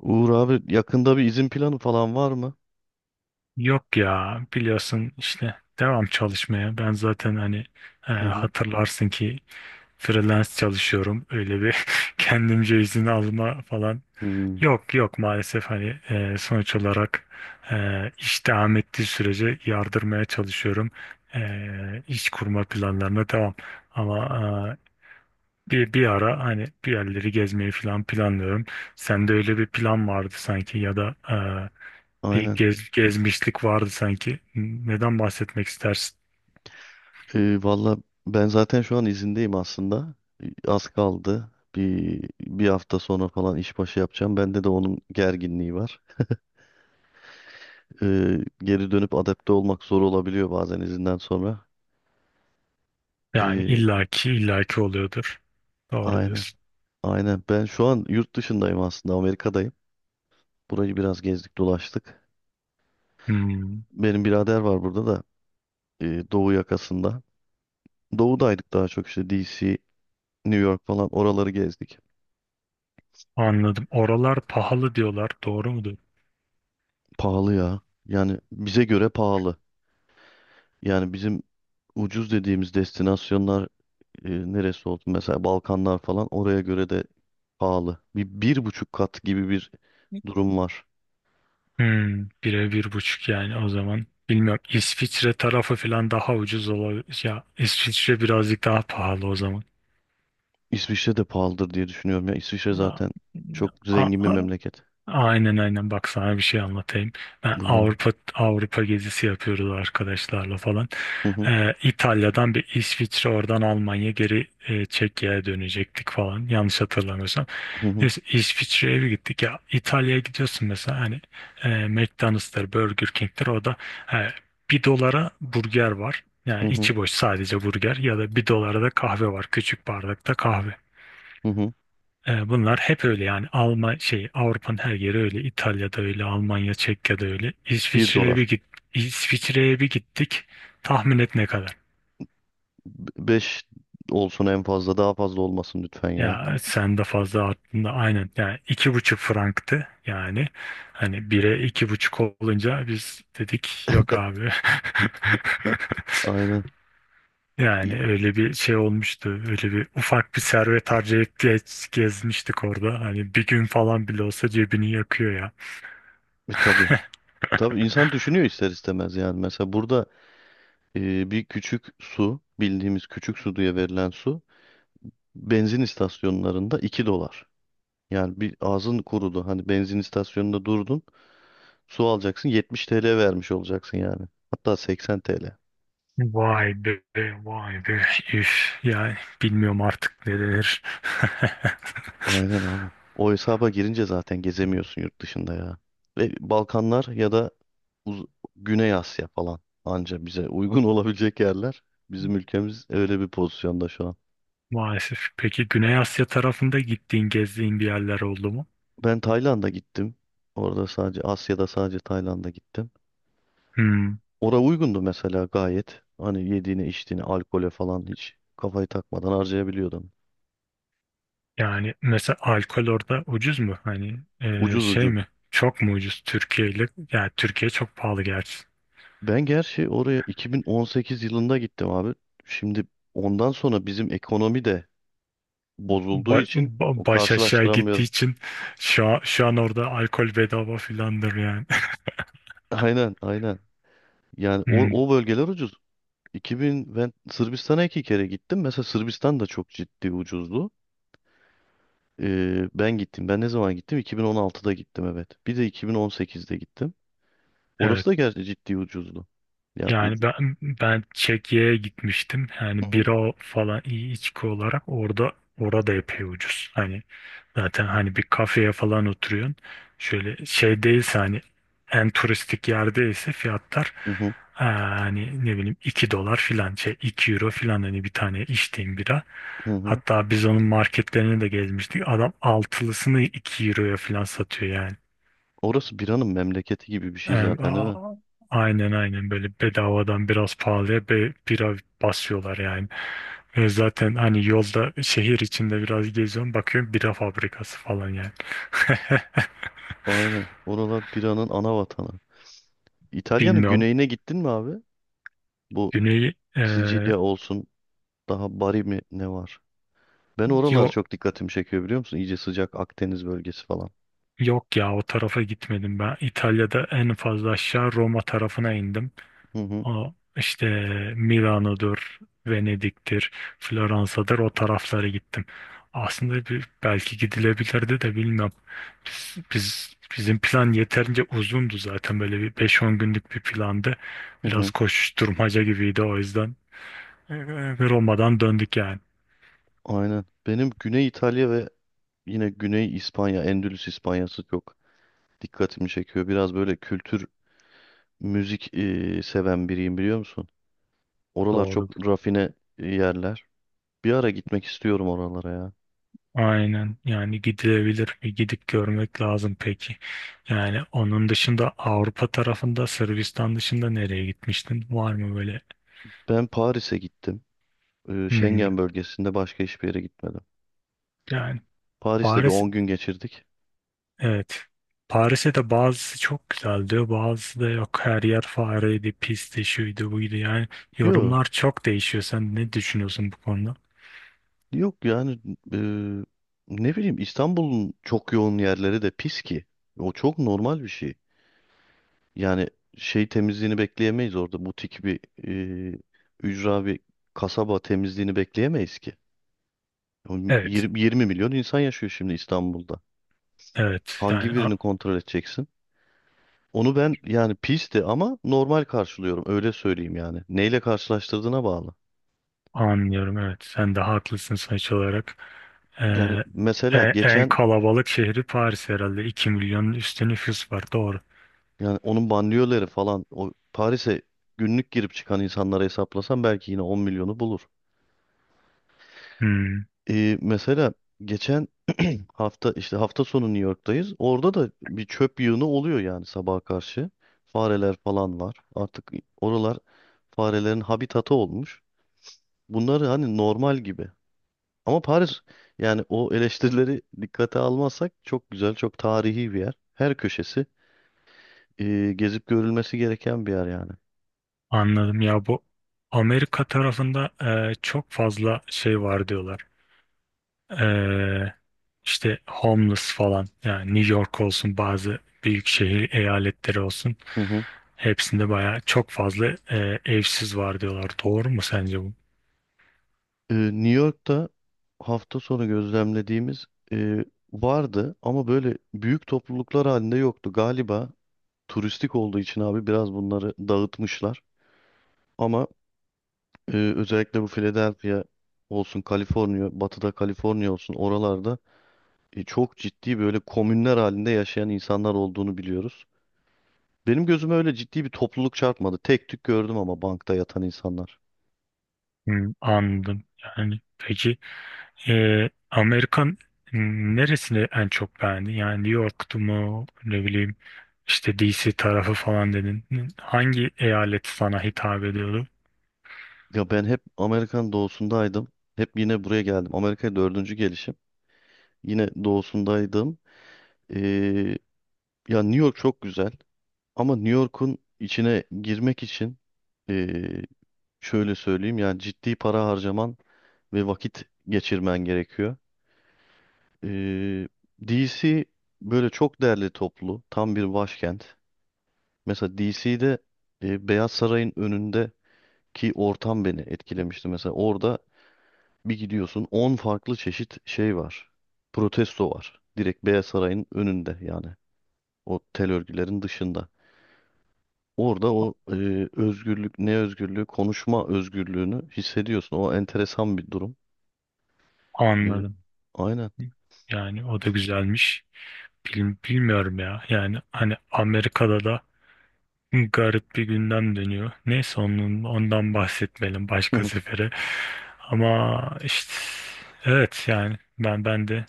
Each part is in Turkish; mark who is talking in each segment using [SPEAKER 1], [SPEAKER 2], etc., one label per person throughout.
[SPEAKER 1] Uğur abi yakında bir izin planı falan var mı?
[SPEAKER 2] Yok ya, biliyorsun işte devam çalışmaya. Ben zaten hani
[SPEAKER 1] Hı hı.
[SPEAKER 2] hatırlarsın ki freelance çalışıyorum. Öyle bir kendimce izin alma falan.
[SPEAKER 1] Hmm,
[SPEAKER 2] Yok yok, maalesef hani sonuç olarak e, iş devam ettiği sürece yardırmaya çalışıyorum. İş kurma planlarına devam. Ama e, bir ara hani bir yerleri gezmeyi falan planlıyorum. Sende öyle bir plan vardı sanki, ya da
[SPEAKER 1] aynen.
[SPEAKER 2] gezmişlik vardı sanki. Neden bahsetmek istersin?
[SPEAKER 1] Valla ben zaten şu an izindeyim aslında. Az kaldı. Bir hafta sonra falan işbaşı yapacağım. Bende de onun gerginliği var. Ee, geri dönüp adapte olmak zor olabiliyor bazen izinden sonra.
[SPEAKER 2] Yani
[SPEAKER 1] Ee,
[SPEAKER 2] illaki illaki oluyordur. Doğru
[SPEAKER 1] aynen.
[SPEAKER 2] diyorsun.
[SPEAKER 1] Aynen. Ben şu an yurt dışındayım aslında. Amerika'dayım. Burayı biraz gezdik dolaştık.
[SPEAKER 2] Hmm,
[SPEAKER 1] Benim birader var burada da. Doğu yakasında. Doğudaydık daha çok işte DC, New York falan oraları gezdik.
[SPEAKER 2] anladım. Oralar pahalı diyorlar, doğru mudur?
[SPEAKER 1] Pahalı ya. Yani bize göre pahalı. Yani bizim ucuz dediğimiz destinasyonlar neresi oldu? Mesela Balkanlar falan oraya göre de pahalı. Bir, bir buçuk kat gibi bir durum var.
[SPEAKER 2] Hmm, bire bir buçuk yani o zaman. Bilmiyorum, İsviçre tarafı falan daha ucuz olabilir. Ya İsviçre birazcık daha pahalı o zaman.
[SPEAKER 1] İsviçre de pahalıdır diye düşünüyorum. Ya İsviçre zaten çok
[SPEAKER 2] Aa,
[SPEAKER 1] zengin bir memleket.
[SPEAKER 2] aynen aynen, bak sana bir şey anlatayım. Ben
[SPEAKER 1] Buyur abi.
[SPEAKER 2] Avrupa Avrupa gezisi yapıyoruz arkadaşlarla falan.
[SPEAKER 1] Hı hı,
[SPEAKER 2] İtalya'dan bir İsviçre, oradan Almanya, geri Çekya'ya dönecektik falan, yanlış hatırlamıyorsam.
[SPEAKER 1] hı hı,
[SPEAKER 2] Neyse, İsviçre'ye bir gittik. Ya İtalya'ya gidiyorsun mesela, hani McDonald's'tır, Burger King'tir, o da e, bir dolara burger var. Yani
[SPEAKER 1] hı hı,
[SPEAKER 2] içi boş sadece burger, ya da bir dolara da kahve var, küçük bardakta kahve.
[SPEAKER 1] hı hı.
[SPEAKER 2] Bunlar hep öyle yani. Alman şey, Avrupa'nın her yeri öyle. İtalya'da öyle, Almanya, Çekya'da öyle.
[SPEAKER 1] Bir dolar.
[SPEAKER 2] İsviçre'ye bir gittik. Tahmin et, ne kadar?
[SPEAKER 1] Beş olsun en fazla. Daha fazla olmasın lütfen ya.
[SPEAKER 2] Ya sen de fazla aklında, aynen, yani iki buçuk franktı yani. Hani bire iki buçuk olunca biz dedik yok abi.
[SPEAKER 1] Aynen. İ-
[SPEAKER 2] Yani öyle bir şey olmuştu, öyle bir ufak bir servet harcayıp gezmiştik orada. Hani bir gün falan bile olsa cebini yakıyor ya.
[SPEAKER 1] tabii. Tabii insan düşünüyor ister istemez yani. Mesela burada bir küçük su, bildiğimiz küçük su diye verilen su benzin istasyonlarında $2. Yani bir ağzın kurudu. Hani benzin istasyonunda durdun, su alacaksın 70 TL vermiş olacaksın yani. Hatta 80 TL.
[SPEAKER 2] Vay be, vay be. Üf, yani bilmiyorum artık ne denir.
[SPEAKER 1] Aynen abi. O hesaba girince zaten gezemiyorsun yurt dışında ya. Ve Balkanlar ya da Uz- Güney Asya falan anca bize uygun olabilecek yerler. Bizim ülkemiz öyle bir pozisyonda şu an.
[SPEAKER 2] Maalesef. Peki Güney Asya tarafında gittiğin, gezdiğin bir yerler oldu mu?
[SPEAKER 1] Ben Tayland'a gittim. Orada sadece Asya'da sadece Tayland'a gittim.
[SPEAKER 2] Hmm.
[SPEAKER 1] Ora uygundu mesela gayet. Hani yediğine içtiğine alkole falan hiç kafayı takmadan harcayabiliyordun.
[SPEAKER 2] Yani mesela alkol orada ucuz mu? Hani
[SPEAKER 1] Ucuz
[SPEAKER 2] şey
[SPEAKER 1] ucuz.
[SPEAKER 2] mi? Çok mu ucuz Türkiye ile? Yani Türkiye çok pahalı gerçi.
[SPEAKER 1] Ben gerçi oraya 2018 yılında gittim abi. Şimdi ondan sonra bizim ekonomi de bozulduğu için o
[SPEAKER 2] Baş aşağı gittiği
[SPEAKER 1] karşılaştıramıyorum.
[SPEAKER 2] için şu an orada alkol bedava filandır yani.
[SPEAKER 1] Aynen aynen. Yani o,
[SPEAKER 2] Hmm,
[SPEAKER 1] o bölgeler ucuz. 2000 ben Sırbistan'a iki kere gittim. Mesela Sırbistan da çok ciddi ucuzdu. Ben gittim. Ben ne zaman gittim? 2016'da gittim, evet. Bir de 2018'de gittim. Orası
[SPEAKER 2] evet.
[SPEAKER 1] da gerçi ciddi ucuzdu. Ya
[SPEAKER 2] Yani
[SPEAKER 1] ucu...
[SPEAKER 2] ben Çekya'ya gitmiştim. Yani
[SPEAKER 1] Hı
[SPEAKER 2] bira falan, iyi içki olarak orada orada epey ucuz. Hani zaten hani bir kafeye falan oturuyorsun. Şöyle şey değilse, hani en turistik yerdeyse fiyatlar
[SPEAKER 1] hı,
[SPEAKER 2] hani ne bileyim 2 dolar filan, şey 2 euro filan, hani bir tane içtiğim bira.
[SPEAKER 1] hı hı. Hı.
[SPEAKER 2] Hatta biz onun marketlerini de gezmiştik. Adam altılısını 2 euroya filan satıyor yani.
[SPEAKER 1] Orası biranın memleketi gibi bir şey
[SPEAKER 2] Yani,
[SPEAKER 1] zaten değil mi?
[SPEAKER 2] aynen aynen, böyle bedavadan biraz pahalıya bira basıyorlar yani. Ve zaten hani yolda, şehir içinde biraz geziyorum, bakıyorum bira fabrikası falan yani.
[SPEAKER 1] Aynen. Oralar biranın ana vatanı. İtalya'nın
[SPEAKER 2] Bilmiyorum.
[SPEAKER 1] güneyine gittin mi abi? Bu
[SPEAKER 2] Güney
[SPEAKER 1] Sicilya olsun daha Bari mi ne var? Ben oralar
[SPEAKER 2] yok
[SPEAKER 1] çok dikkatimi çekiyor biliyor musun? İyice sıcak Akdeniz bölgesi falan.
[SPEAKER 2] yok ya, o tarafa gitmedim ben. İtalya'da en fazla aşağı Roma tarafına indim.
[SPEAKER 1] Hı hı,
[SPEAKER 2] O işte Milano'dur, Venedik'tir, Floransa'dır, o taraflara gittim. Aslında belki gidilebilirdi de, bilmem. Bizim plan yeterince uzundu zaten, böyle bir beş on günlük bir plandı.
[SPEAKER 1] hı
[SPEAKER 2] Biraz
[SPEAKER 1] hı.
[SPEAKER 2] koşuşturmaca gibiydi o yüzden. Ee, Roma'dan döndük yani.
[SPEAKER 1] Aynen. Benim Güney İtalya ve yine Güney İspanya, Endülüs İspanyası çok dikkatimi çekiyor. Biraz böyle kültür, müzik seven biriyim biliyor musun? Oralar çok
[SPEAKER 2] Doğru.
[SPEAKER 1] rafine yerler. Bir ara gitmek istiyorum oralara ya.
[SPEAKER 2] Aynen yani, gidilebilir, bir gidip görmek lazım peki. Yani onun dışında Avrupa tarafında, Sırbistan dışında nereye gitmiştin? Var mı böyle?
[SPEAKER 1] Ben Paris'e gittim.
[SPEAKER 2] Hmm.
[SPEAKER 1] Schengen bölgesinde başka hiçbir yere gitmedim.
[SPEAKER 2] Yani
[SPEAKER 1] Paris'te bir
[SPEAKER 2] Paris,
[SPEAKER 1] 10 gün geçirdik.
[SPEAKER 2] evet. Paris'e de bazısı çok güzel diyor, bazısı da yok. Her yer fareydi, pisti, şuydu, buydu. Yani
[SPEAKER 1] Yok,
[SPEAKER 2] yorumlar çok değişiyor. Sen ne düşünüyorsun bu konuda?
[SPEAKER 1] yok yani e, ne bileyim İstanbul'un çok yoğun yerleri de pis ki. O çok normal bir şey. Yani şey temizliğini bekleyemeyiz orada. Butik bir e, ücra bir kasaba temizliğini bekleyemeyiz ki. Oğlum
[SPEAKER 2] Evet,
[SPEAKER 1] 20 milyon insan yaşıyor şimdi İstanbul'da.
[SPEAKER 2] evet.
[SPEAKER 1] Hangi
[SPEAKER 2] Yani
[SPEAKER 1] birini kontrol edeceksin? Onu ben yani pisti ama normal karşılıyorum öyle söyleyeyim yani. Neyle karşılaştırdığına bağlı.
[SPEAKER 2] anlıyorum, evet. Sen de haklısın sonuç olarak. Ee,
[SPEAKER 1] Yani mesela
[SPEAKER 2] en
[SPEAKER 1] geçen
[SPEAKER 2] kalabalık şehri Paris herhalde. 2 milyonun üstü nüfus var, doğru.
[SPEAKER 1] yani onun banliyöleri falan o Paris'e günlük girip çıkan insanlara hesaplasam belki yine 10 milyonu bulur.
[SPEAKER 2] Hmm,
[SPEAKER 1] Mesela geçen hafta işte hafta sonu New York'tayız. Orada da bir çöp yığını oluyor yani sabaha karşı. Fareler falan var. Artık oralar farelerin habitatı olmuş. Bunlar hani normal gibi. Ama Paris yani o eleştirileri dikkate almazsak çok güzel, çok tarihi bir yer. Her köşesi gezip görülmesi gereken bir yer yani.
[SPEAKER 2] anladım. Ya bu Amerika tarafında çok fazla şey var diyorlar. Ee, işte homeless falan, yani New York olsun, bazı büyük şehir eyaletleri olsun,
[SPEAKER 1] Hı hı.
[SPEAKER 2] hepsinde bayağı çok fazla evsiz var diyorlar. Doğru mu sence bu?
[SPEAKER 1] New York'ta hafta sonu gözlemlediğimiz e, vardı ama böyle büyük topluluklar halinde yoktu. Galiba turistik olduğu için abi biraz bunları dağıtmışlar. Ama özellikle bu Philadelphia olsun, Kaliforniya, batıda Kaliforniya olsun oralarda çok ciddi böyle komünler halinde yaşayan insanlar olduğunu biliyoruz. Benim gözüme öyle ciddi bir topluluk çarpmadı. Tek tük gördüm ama bankta yatan insanlar.
[SPEAKER 2] Hmm, anladım. Yani peki Amerikan, hmm, neresini en çok beğendin? Yani New York'tu mu, ne bileyim, işte DC tarafı falan dedin. Hangi eyalet sana hitap ediyordu?
[SPEAKER 1] Ya ben hep Amerikan doğusundaydım. Hep yine buraya geldim. Amerika'ya dördüncü gelişim. Yine doğusundaydım. Ee, ya New York çok güzel. Ama New York'un içine girmek için ee, şöyle söyleyeyim. Yani ciddi para harcaman ve vakit geçirmen gerekiyor. Ee, DC böyle çok değerli toplu, tam bir başkent. Mesela DC'de Beyaz Saray'ın önündeki ortam beni etkilemişti. Mesela orada bir gidiyorsun 10 farklı çeşit şey var. Protesto var. Direkt Beyaz Saray'ın önünde yani. O tel örgülerin dışında. Orada o özgürlük, ne özgürlüğü, konuşma özgürlüğünü hissediyorsun. O enteresan bir durum. E,
[SPEAKER 2] Anladım.
[SPEAKER 1] aynen.
[SPEAKER 2] Yani o da güzelmiş. Bilmiyorum ya. Yani hani Amerika'da da garip bir gündem dönüyor. Neyse onun, ondan bahsetmeyelim, başka
[SPEAKER 1] Hı
[SPEAKER 2] sefere. Ama işte evet yani ben de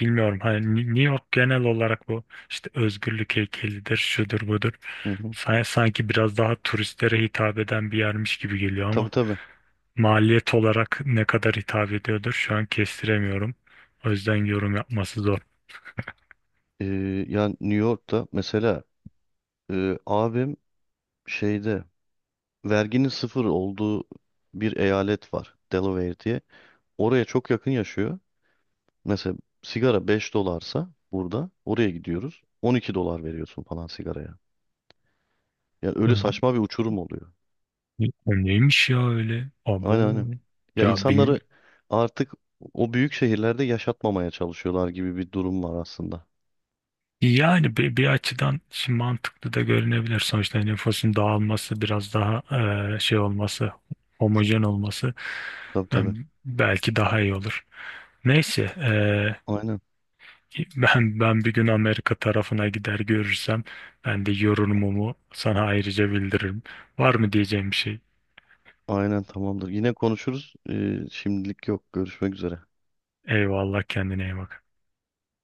[SPEAKER 2] bilmiyorum. Hani New York genel olarak bu işte özgürlük heykelidir, şudur budur.
[SPEAKER 1] hı.
[SPEAKER 2] Sanki biraz daha turistlere hitap eden bir yermiş gibi geliyor,
[SPEAKER 1] Tabii
[SPEAKER 2] ama
[SPEAKER 1] tabii.
[SPEAKER 2] maliyet olarak ne kadar hitap ediyordur şu an kestiremiyorum. O yüzden yorum yapması zor.
[SPEAKER 1] E, yani New York'ta mesela abim şeyde verginin sıfır olduğu bir eyalet var. Delaware diye. Oraya çok yakın yaşıyor. Mesela sigara 5 dolarsa burada oraya gidiyoruz. $12 veriyorsun falan sigaraya. Ya
[SPEAKER 2] O
[SPEAKER 1] öyle saçma bir uçurum oluyor.
[SPEAKER 2] neymiş ya öyle?
[SPEAKER 1] Aynen
[SPEAKER 2] Abo.
[SPEAKER 1] aynen. Ya
[SPEAKER 2] Ya bilmi-
[SPEAKER 1] insanları artık o büyük şehirlerde yaşatmamaya çalışıyorlar gibi bir durum var aslında.
[SPEAKER 2] Yani bir açıdan şimdi mantıklı da görünebilir. Sonuçta nüfusun dağılması biraz daha şey olması, homojen olması
[SPEAKER 1] Tabii tabii.
[SPEAKER 2] belki daha iyi olur. Neyse,
[SPEAKER 1] Aynen.
[SPEAKER 2] Ben bir gün Amerika tarafına gider görürsem, ben de yorumumu sana ayrıca bildiririm. Var mı diyeceğim bir şey?
[SPEAKER 1] Aynen tamamdır. Yine konuşuruz. Şimdilik yok. Görüşmek üzere.
[SPEAKER 2] Eyvallah, kendine iyi bak.